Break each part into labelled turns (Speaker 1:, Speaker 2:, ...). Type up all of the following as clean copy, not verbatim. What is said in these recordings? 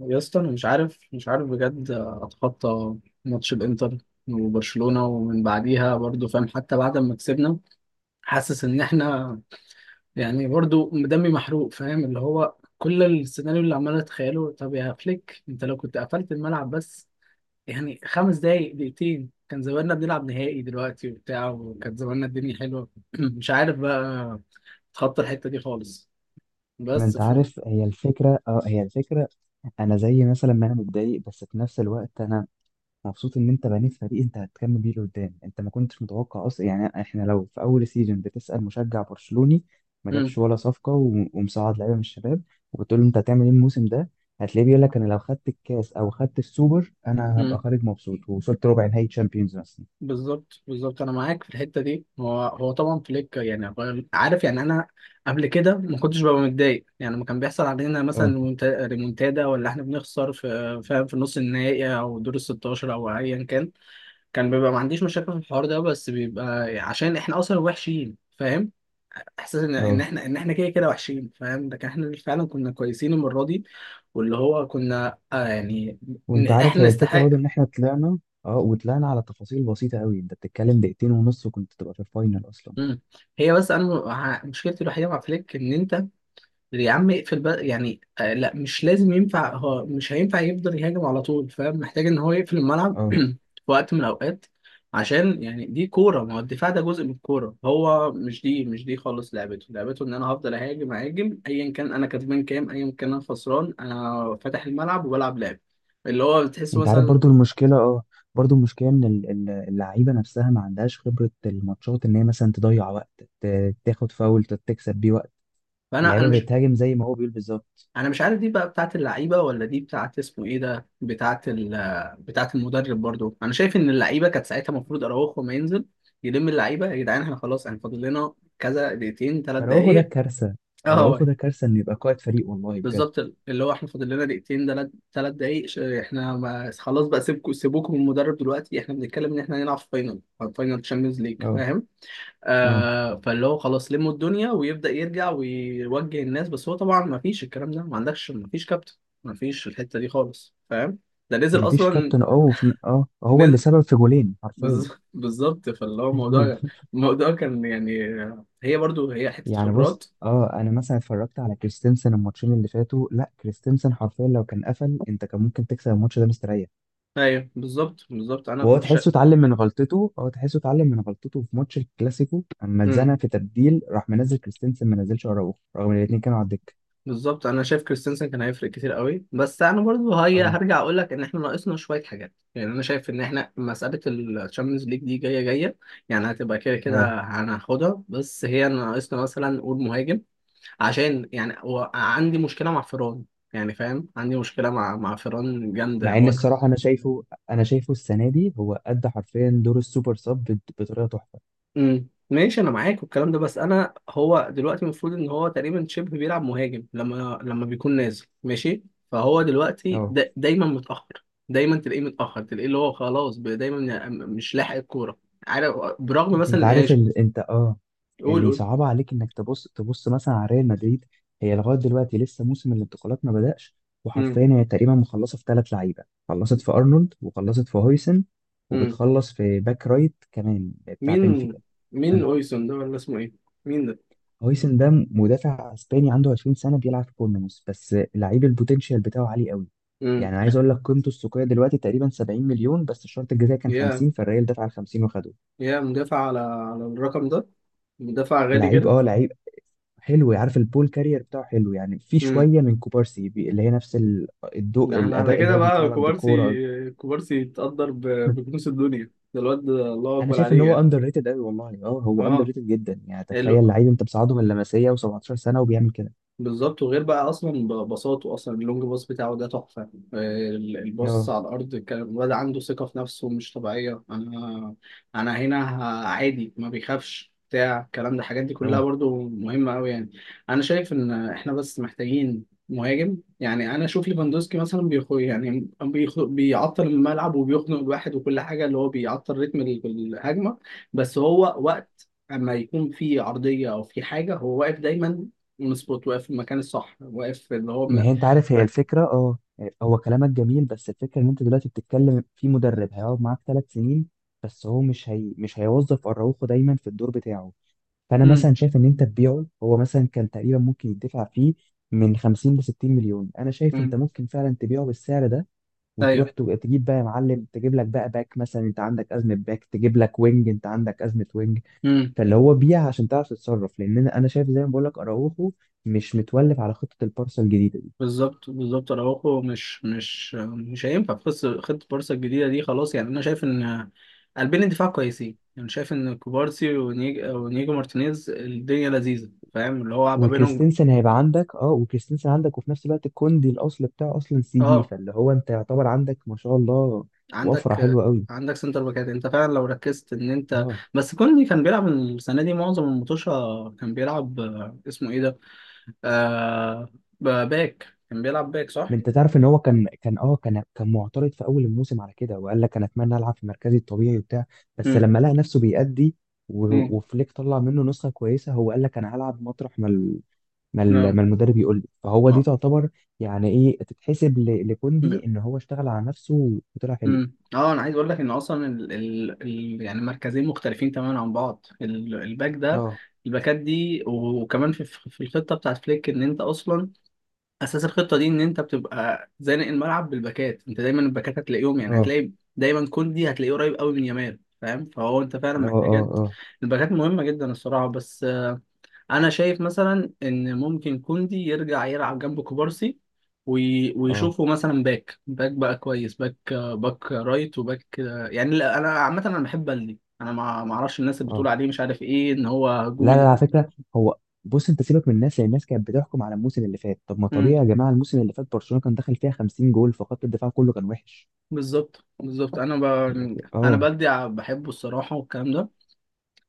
Speaker 1: يا اسطى انا مش عارف بجد اتخطى ماتش الانتر وبرشلونة، ومن بعديها برضو فاهم. حتى بعد ما كسبنا حاسس ان احنا يعني برضو دمي محروق فاهم، اللي هو كل السيناريو اللي عمال اتخيله. طب يا فليك انت لو كنت قفلت الملعب بس يعني خمس دقايق، دقيقتين، كان زماننا بنلعب نهائي دلوقتي وبتاع، وكان زماننا الدنيا حلوة. مش عارف بقى اتخطى الحتة دي خالص،
Speaker 2: ما
Speaker 1: بس
Speaker 2: انت
Speaker 1: ف.
Speaker 2: عارف، هي الفكرة. انا زي مثلا ما انا متضايق، بس في نفس الوقت انا مبسوط ان انت بنيت فريق انت هتكمل بيه لقدام. انت ما كنتش متوقع اصلا. يعني احنا لو في اول سيزون بتسأل مشجع برشلوني ما
Speaker 1: مم.
Speaker 2: جابش ولا صفقة و- ومصعد لعيبة من الشباب، وبتقول له انت هتعمل ايه الموسم ده، هتلاقيه بيقول لك انا لو خدت الكاس او خدت السوبر انا هبقى
Speaker 1: مم.
Speaker 2: خارج مبسوط، ووصلت ربع نهائي تشامبيونز مثلا.
Speaker 1: بالظبط بالظبط، انا معاك في الحته دي. هو طبعا فليك يعني عارف. يعني انا قبل كده ما كنتش ببقى متضايق، يعني لما كان بيحصل علينا مثلا
Speaker 2: اه.
Speaker 1: ريمونتادا، ولا احنا بنخسر في فاهم في نص النهائي او دور ال 16 او ايا كان، كان بيبقى ما عنديش مشاكل في الحوار ده، بس بيبقى عشان احنا اصلا وحشين فاهم، احساس ان ان
Speaker 2: اه.
Speaker 1: احنا ان احنا كده كده وحشين فاهم. لكن احنا فعلا كنا كويسين المره دي، واللي هو كنا آه يعني إن
Speaker 2: وانت عارف،
Speaker 1: احنا
Speaker 2: هي الفكره برضو ان
Speaker 1: نستحق.
Speaker 2: احنا طلعنا اه وطلعنا على تفاصيل بسيطه قوي. انت بتتكلم دقيقتين ونص وكنت تبقى في الفاينل اصلا.
Speaker 1: مم. هي بس انا مشكلتي الوحيده مع فليك ان انت يا عم اقفل بقى، يعني آه لا مش لازم، ينفع هو مش هينفع يفضل يهاجم على طول فاهم، محتاج ان هو يقفل الملعب
Speaker 2: اه.
Speaker 1: في وقت من الاوقات. عشان يعني دي كوره، ما هو الدفاع ده جزء من الكوره. هو مش دي خالص لعبته. لعبته ان انا هفضل اهاجم اهاجم، ايا كان انا كسبان كام، ايا كان انا خسران، انا فاتح الملعب وبلعب لعب، اللي هو بتحس
Speaker 2: انت عارف،
Speaker 1: مثلا.
Speaker 2: برضو المشكله ان اللعيبه نفسها ما عندهاش خبره الماتشات، ان هي مثلا تضيع وقت، تاخد فاول تكسب بيه وقت.
Speaker 1: فانا
Speaker 2: اللعيبه
Speaker 1: مش،
Speaker 2: بتهاجم زي ما هو بيقول بالظبط.
Speaker 1: انا مش عارف دي بقى بتاعت اللعيبه ولا دي بتاعت اسمه ايه ده، بتاعت ال، بتاعت المدرب. برضو انا شايف ان اللعيبه كانت ساعتها المفروض اراوخو ما ينزل، يلم اللعيبه يا جدعان. احنا خلاص احنا فاضل لنا كذا دقيقتين ثلاث
Speaker 2: اراوخو ده
Speaker 1: دقائق.
Speaker 2: كارثه. اراوخو
Speaker 1: اه
Speaker 2: ده كارثه انه يبقى قائد فريق، والله بجد.
Speaker 1: بالظبط، اللي هو احنا فاضل لنا دقيقتين ثلاث دقائق. احنا ما خلاص بقى، سيبوكم من المدرب دلوقتي. احنا بنتكلم ان احنا هنلعب فاينل، فاينل تشامبيونز ليج.
Speaker 2: اه. اه.
Speaker 1: آه، فاللي هو خلاص لموا الدنيا، ويبدأ يرجع ويوجه الناس، بس هو طبعا ما فيش الكلام ده، ما عندكش ما فيش كابتن، ما فيش الحتة دي خالص فاهم. ده نزل
Speaker 2: مفيش
Speaker 1: أصلا،
Speaker 2: كابتن. هو اللي
Speaker 1: نزل.
Speaker 2: سبب في جولين حرفيا.
Speaker 1: بالظبط، فاللي هو الموضوع، الموضوع كان يعني، هي برضو هي حتة
Speaker 2: يعني بص،
Speaker 1: خبرات.
Speaker 2: انا مثلا اتفرجت على كريستنسن الماتشين اللي فاتوا. لا، كريستنسن حرفيا لو كان قفل انت كان ممكن تكسب الماتش ده مستريح.
Speaker 1: ايوه بالظبط بالظبط، انا
Speaker 2: وهو
Speaker 1: كنت شا...
Speaker 2: تحسه اتعلم من غلطته هو تحسه اتعلم من غلطته في ماتش الكلاسيكو. اما
Speaker 1: مم.
Speaker 2: اتزنق في تبديل راح منزل كريستنسن، ما نزلش اراوخو رغم ان الاثنين كانوا على الدكه.
Speaker 1: بالظبط، انا شايف كريستنسن كان هيفرق كتير قوي. بس انا برضو هي
Speaker 2: اه.
Speaker 1: هرجع اقول لك ان احنا ناقصنا شويه حاجات. يعني انا شايف ان احنا مساله الشامبيونز ليج دي جايه جايه، يعني هتبقى كده
Speaker 2: اه.
Speaker 1: كده هناخدها. بس هي ناقصنا مثلا نقول مهاجم، عشان يعني هو عندي مشكله مع فيران، يعني فاهم عندي مشكله مع فيران جامده
Speaker 2: مع ان
Speaker 1: هو.
Speaker 2: الصراحه انا شايفه السنه دي هو ادى حرفيا دور السوبر سب بطريقه تحفه.
Speaker 1: ماشي، انا معاك والكلام ده. بس انا هو دلوقتي المفروض ان هو تقريبا شبه بيلعب مهاجم لما بيكون نازل ماشي. فهو دلوقتي
Speaker 2: اه.
Speaker 1: دا دايما متاخر، دايما تلاقيه متاخر، تلاقيه اللي هو خلاص دايما مش لاحق الكوره. عارف، برغم
Speaker 2: انت
Speaker 1: مثلا يعني
Speaker 2: عارف
Speaker 1: ش-.
Speaker 2: ال... انت اه
Speaker 1: قول
Speaker 2: اللي
Speaker 1: قول
Speaker 2: صعب عليك انك تبص مثلا على ريال مدريد. هي لغايه دلوقتي لسه موسم الانتقالات ما بدأش،
Speaker 1: امم.
Speaker 2: وحرفيا هي تقريبا مخلصه في ثلاث لعيبه. خلصت في ارنولد، وخلصت في هويسن،
Speaker 1: امم.
Speaker 2: وبتخلص في باك رايت كمان بتاع
Speaker 1: مين،
Speaker 2: بنفيكا.
Speaker 1: مين
Speaker 2: فانت-
Speaker 1: اويسون ده ولا اسمه ايه؟ مين ده؟
Speaker 2: هويسن ده مدافع اسباني عنده 20 سنه، بيلعب في بورنموث، بس لعيب البوتنشال بتاعه عالي قوي.
Speaker 1: امم.
Speaker 2: يعني عايز اقول لك قيمته السوقيه دلوقتي تقريبا 70 مليون، بس الشرط الجزائي كان
Speaker 1: يا،
Speaker 2: 50، فالريال دفع ال 50 وخده.
Speaker 1: يا مدافع على على الرقم ده؟ مدافع غالي
Speaker 2: لعيب
Speaker 1: كده.
Speaker 2: اه لعيب حلو. عارف، البول كارير بتاعه حلو. يعني في شويه من كوبارسي، اللي هي نفس ال-
Speaker 1: ده
Speaker 2: الضوء
Speaker 1: احنا على
Speaker 2: الاداء اللي
Speaker 1: كده
Speaker 2: هو بيطلع
Speaker 1: بقى
Speaker 2: لك
Speaker 1: كوبارسي،
Speaker 2: بالكوره.
Speaker 1: كوبارسي يتقدر ب-، بكنوز الدنيا ده. الواد ده الله
Speaker 2: انا
Speaker 1: اكبر
Speaker 2: شايف ان
Speaker 1: عليه
Speaker 2: هو
Speaker 1: يعني.
Speaker 2: اندر ريتد قوي، والله. اه هو اندر
Speaker 1: اه.
Speaker 2: ريتد جدا. يعني
Speaker 1: ال-.
Speaker 2: تخيل لعيب انت بتصعده من اللمسيه و17 سنه وبيعمل كده.
Speaker 1: بالظبط، وغير بقى اصلا بساطه، اصلا اللونج باص بتاعه ده تحفه. آه، الباص
Speaker 2: اه.
Speaker 1: على الارض، كان الواد عنده ثقه في نفسه مش طبيعيه. انا، انا هنا عادي، ما بيخافش بتاع الكلام ده. الحاجات دي كلها
Speaker 2: اه.
Speaker 1: برضو مهمه قوي يعني. انا شايف ان احنا بس محتاجين مهاجم. يعني انا اشوف ليفاندوسكي مثلا بيخو، يعني بيعطل الملعب، وبيخنق الواحد وكل حاجه، اللي هو بيعطل رتم الهجمه. بس هو وقت اما يكون في عرضيه او في حاجه، هو واقف دايما مظبوط، واقف في المكان الصح، واقف في اللي هو
Speaker 2: ما
Speaker 1: م...
Speaker 2: هي انت عارف هي
Speaker 1: هت-.
Speaker 2: الفكره. اه هو كلامك جميل، بس الفكره ان انت دلوقتي بتتكلم في مدرب هيقعد معاك 3 سنين. بس هو مش هيوظف اراوخو دايما في الدور بتاعه. فانا
Speaker 1: مم.
Speaker 2: مثلا شايف ان انت تبيعه. هو مثلا كان تقريبا ممكن يدفع فيه من 50 ل 60 مليون. انا شايف انت
Speaker 1: مم.
Speaker 2: ممكن فعلا تبيعه بالسعر ده، وتروح
Speaker 1: ايوه.
Speaker 2: تجيب بقى يا معلم. تجيب لك بقى باك مثلا، انت عندك ازمه باك. تجيب لك وينج، انت عندك ازمه وينج.
Speaker 1: مم.
Speaker 2: فاللي هو بيع عشان تعرف تتصرف، لان انا شايف زي ما بقول لك، اراوخو مش متولف على خطه البارسا الجديده دي.
Speaker 1: بالظبط بالظبط، اراوخو مش هينفع في خطه بارسا الجديده دي خلاص. يعني انا شايف ان قلبين الدفاع كويسين، يعني شايف ان كوبارسي ونيجو مارتينيز الدنيا لذيذه فاهم اللي هو ما بينهم.
Speaker 2: وكريستنسن عندك، وفي نفس الوقت الكوندي الاصل بتاعه اصلا سي بي،
Speaker 1: اه.
Speaker 2: فاللي هو انت يعتبر عندك، ما شاء الله، وفره
Speaker 1: عندك،
Speaker 2: حلوه قوي.
Speaker 1: عندك سنتر باكات انت فعلا لو ركزت ان انت.
Speaker 2: اه.
Speaker 1: بس كوني كان بيلعب السنه دي معظم المطوشه، كان بيلعب آه، اسمه ايه ده، آه، باك. كان بيلعب باك، صح؟
Speaker 2: ما انت تعرف ان هو كان كان اه كان كان معترض في اول الموسم على كده، وقال لك انا اتمنى العب في مركزي الطبيعي وبتاع. بس
Speaker 1: امم.
Speaker 2: لما لقى نفسه بيأدي،
Speaker 1: امم.
Speaker 2: و- وفليك طلع منه نسخه كويسه، هو قال لك انا هلعب مطرح ما ال- ما ال-
Speaker 1: نعم.
Speaker 2: ما المدرب يقول لي. فهو دي
Speaker 1: نعم.
Speaker 2: تعتبر، يعني ايه، تتحسب ل- لكوندي ان هو اشتغل على نفسه وطلع حلو.
Speaker 1: امم، اه، انا عايز اقول لك ان اصلا ال... ال... ال... يعني مركزين مختلفين تماما عن بعض، ال... الباك ده،
Speaker 2: اه.
Speaker 1: الباكات دي. وكمان في في الخطه بتاعت فليك، ان انت اصلا اساس الخطه دي ان انت بتبقى زانق الملعب بالباكات. انت دايما الباكات هتلاقيهم، يعني
Speaker 2: اه.
Speaker 1: هتلاقي دايما كوندي هتلاقيه قريب قوي من يامال فاهم. فهو انت فعلا
Speaker 2: اه. اه.
Speaker 1: محتاجات
Speaker 2: اه.
Speaker 1: الباكات، مهمه جدا الصراحه. بس انا شايف مثلا ان ممكن كوندي يرجع يلعب جنب كوبارسي،
Speaker 2: اه.
Speaker 1: ويشوفه مثلا باك، باك كويس. باك باك رايت، وباك آه، يعني لا، انا عامه انا بحب بلدي، انا ما اعرفش الناس اللي بتقول
Speaker 2: اه.
Speaker 1: عليه مش عارف ايه ان هو هجومي
Speaker 2: لا، لا، على
Speaker 1: ده.
Speaker 2: فكره. هو، بص، انت سيبك من الناس، لان الناس كانت بتحكم على الموسم اللي فات. طب ما
Speaker 1: مم.
Speaker 2: طبيعي يا جماعه، الموسم اللي فات برشلونه كان دخل فيها 50 جول، فخط الدفاع كله كان وحش.
Speaker 1: بالظبط بالظبط، انا ب...
Speaker 2: لكن
Speaker 1: انا
Speaker 2: اه
Speaker 1: بلدي بحبه الصراحه، والكلام ده.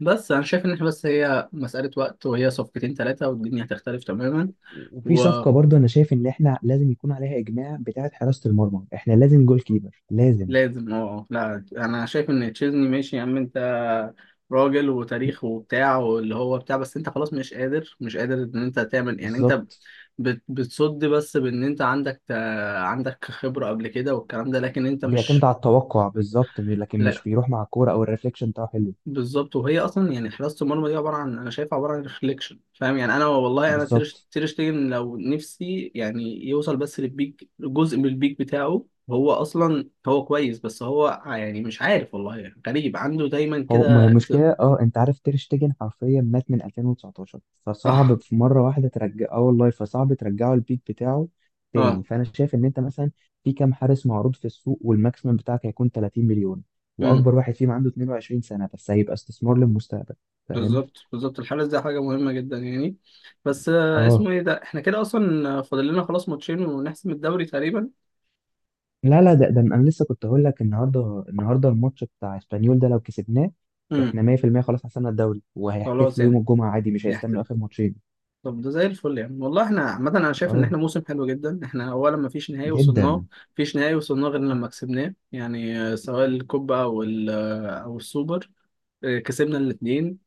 Speaker 1: بس انا شايف ان احنا بس هي مساله وقت، وهي صفقتين ثلاثه والدنيا هتختلف تماما.
Speaker 2: وفي صفقة برضو أنا شايف إن إحنا لازم يكون عليها إجماع، بتاعة حراسة المرمى. إحنا لازم جول كيبر، لازم.
Speaker 1: لازم اه آه. لا انا شايف ان تشيزني ماشي يا عم، انت راجل وتاريخ وبتاع، واللي هو بتاع. بس انت خلاص مش قادر ان انت تعمل يعني انت
Speaker 2: بالظبط.
Speaker 1: بتصد، بس بان انت عندك، عندك خبرة قبل كده والكلام ده، لكن انت
Speaker 2: بيعتمد
Speaker 1: مش.
Speaker 2: على التوقع بالظبط، لكن مش
Speaker 1: لا
Speaker 2: بيروح مع الكورة، أو الريفليكشن بتاعه حلو.
Speaker 1: بالظبط. وهي اصلا يعني حراسه المرمى دي عباره عن، انا شايفها عباره عن ريفليكشن فاهم يعني. انا والله انا تير
Speaker 2: بالظبط.
Speaker 1: تير شتيجن لو نفسي يعني يوصل بس للبيك، جزء من البيك بتاعه، هو اصلا هو كويس. بس هو يعني مش عارف والله، يعني غريب عنده دايما
Speaker 2: هو، ما هي
Speaker 1: كده ت-.
Speaker 2: المشكلة، انت عارف تير شتيجن حرفيا مات من 2019،
Speaker 1: اه.
Speaker 2: فصعب في مرة واحدة ترجع. اه والله، فصعب ترجعه البيك بتاعه تاني.
Speaker 1: اه.
Speaker 2: فانا شايف ان انت مثلا في كام حارس معروض في السوق، والماكسيمم بتاعك هيكون 30 مليون،
Speaker 1: امم
Speaker 2: واكبر واحد فيهم عنده 22 سنة، بس هيبقى استثمار للمستقبل، فاهم.
Speaker 1: بالظبط بالظبط، الحارس ده حاجه مهمه جدا يعني. بس آه،
Speaker 2: اه.
Speaker 1: اسمه ايه ده، احنا كده اصلا فاضل لنا خلاص ماتشين ونحسم الدوري تقريبا.
Speaker 2: لا، لا، ده. انا لسه كنت هقول لك النهارده الماتش بتاع اسبانيول ده لو كسبناه،
Speaker 1: امم.
Speaker 2: احنا 100% خلاص حسمنا الدوري،
Speaker 1: خلاص
Speaker 2: وهيحتفلوا يوم
Speaker 1: يعني.
Speaker 2: الجمعة عادي، مش هيستنوا اخر ماتشين.
Speaker 1: طب ده زي الفل يعني والله. احنا عامة انا شايف ان
Speaker 2: اه،
Speaker 1: احنا موسم حلو جدا. احنا اولا ما فيش نهائي وصلناه،
Speaker 2: جدا.
Speaker 1: فيش نهائي وصلناه غير لما كسبناه، يعني آه، سواء الكوبا او ال- آه، او السوبر. آه، كسبنا الاثنين.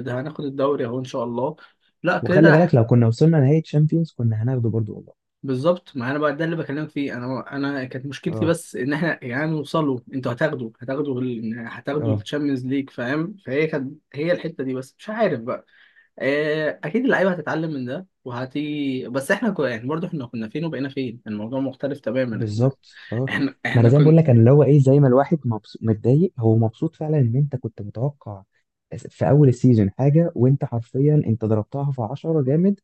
Speaker 1: ده هناخد الدوري اهو ان شاء الله. لا
Speaker 2: وخلي
Speaker 1: كده
Speaker 2: بالك،
Speaker 1: ح-.
Speaker 2: لو كنا وصلنا نهائي تشامبيونز كنا هناخده برضو، والله.
Speaker 1: بالظبط، ما انا بقى ده اللي بكلمك فيه. انا، انا كانت مشكلتي
Speaker 2: اه.
Speaker 1: بس ان احنا يعني نوصلوا، انتوا هتاخدوا ال-، هتاخدوا
Speaker 2: اه.
Speaker 1: الشامبيونز ليج فاهم. فهي كانت هي الحتة دي بس، مش عارف بقى. آه، اكيد اللعيبه هتتعلم من ده وهتيجي. بس احنا كنا يعني برضه احنا كنا فين وبقينا فين، الموضوع مختلف تماما. احنا،
Speaker 2: بالظبط. اه.
Speaker 1: احنا
Speaker 2: ما انا
Speaker 1: احنا
Speaker 2: زي ما بقول
Speaker 1: كنا.
Speaker 2: لك، انا اللي هو ايه، زي ما الواحد مبسوط متضايق. هو مبسوط فعلا ان انت كنت متوقع في اول السيزون حاجه، وانت حرفيا انت ضربتها في 10 جامد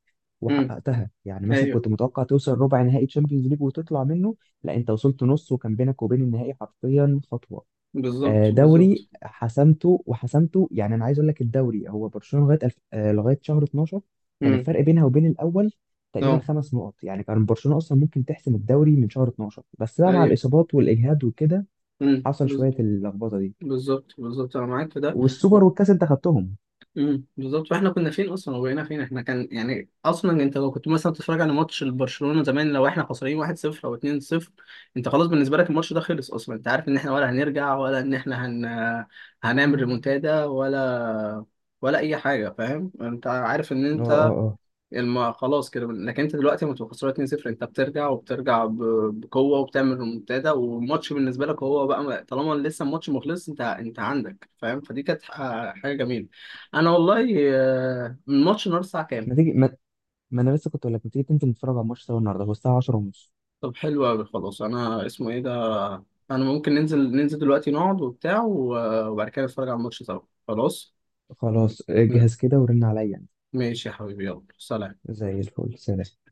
Speaker 1: امم.
Speaker 2: وحققتها. يعني مثلا
Speaker 1: ايوه
Speaker 2: كنت متوقع توصل ربع نهائي تشامبيونز ليج وتطلع منه، لا انت وصلت نص، وكان بينك وبين النهائي حرفيا خطوه.
Speaker 1: بالظبط
Speaker 2: آه،
Speaker 1: بالظبط.
Speaker 2: دوري حسمته وحسمته. يعني انا عايز اقول لك، الدوري هو برشلونه لغايه شهر 12، كان
Speaker 1: امم.
Speaker 2: الفرق بينها وبين الاول تقريبا
Speaker 1: اه.
Speaker 2: خمس نقط. يعني كان برشلونه اصلا ممكن تحسم الدوري من شهر 12، بس بقى مع
Speaker 1: ايوه.
Speaker 2: الاصابات والاجهاد وكده حصل
Speaker 1: بز-.
Speaker 2: شويه اللخبطه دي.
Speaker 1: بالظبط بالظبط انا معاك في ده.
Speaker 2: والسوبر والكاس انت خدتهم.
Speaker 1: بالظبط، فاحنا كنا فين اصلا وبقينا فين. احنا كان يعني اصلا انت لو كنت مثلا بتتفرج على ماتش برشلونة زمان، لو احنا خسرانين 1-0 او 2-0، انت خلاص بالنسبه لك الماتش ده خلص اصلا. انت عارف ان احنا ولا هنرجع، ولا ان احنا هن...، هنعمل ريمونتادا، ولا ولا اي حاجه فاهم. انت عارف ان
Speaker 2: اه. اه.
Speaker 1: انت
Speaker 2: اه.
Speaker 1: الم...، خلاص كده. لكن انت دلوقتي لما تبقى خسران 2-0 انت بترجع، وبترجع ب...، بقوه وبتعمل ريمونتادا، والماتش بالنسبه لك هو بقى م- طالما لسه الماتش مخلص انت، انت عندك فاهم. فدي كانت حاجه جميله. انا والله آه، الماتش النهارده الساعه كام؟
Speaker 2: ما تيجي ما, ما انا لسه كنت اقول لك، ما تيجي تنزل نتفرج على الماتش سوا النهارده، هو الساعه 10 ونص.
Speaker 1: طب حلو قوي خلاص. انا اسمه ايه ده، انا ممكن ننزل دلوقتي، نقعد وبتاع وبعد كده نتفرج على الماتش سوا. خلاص.
Speaker 2: خلاص،
Speaker 1: م-
Speaker 2: اجهز كده ورن عليا يعني.
Speaker 1: ماشي يا حبيبي، يلا سلام.
Speaker 2: زي الفل، سلام.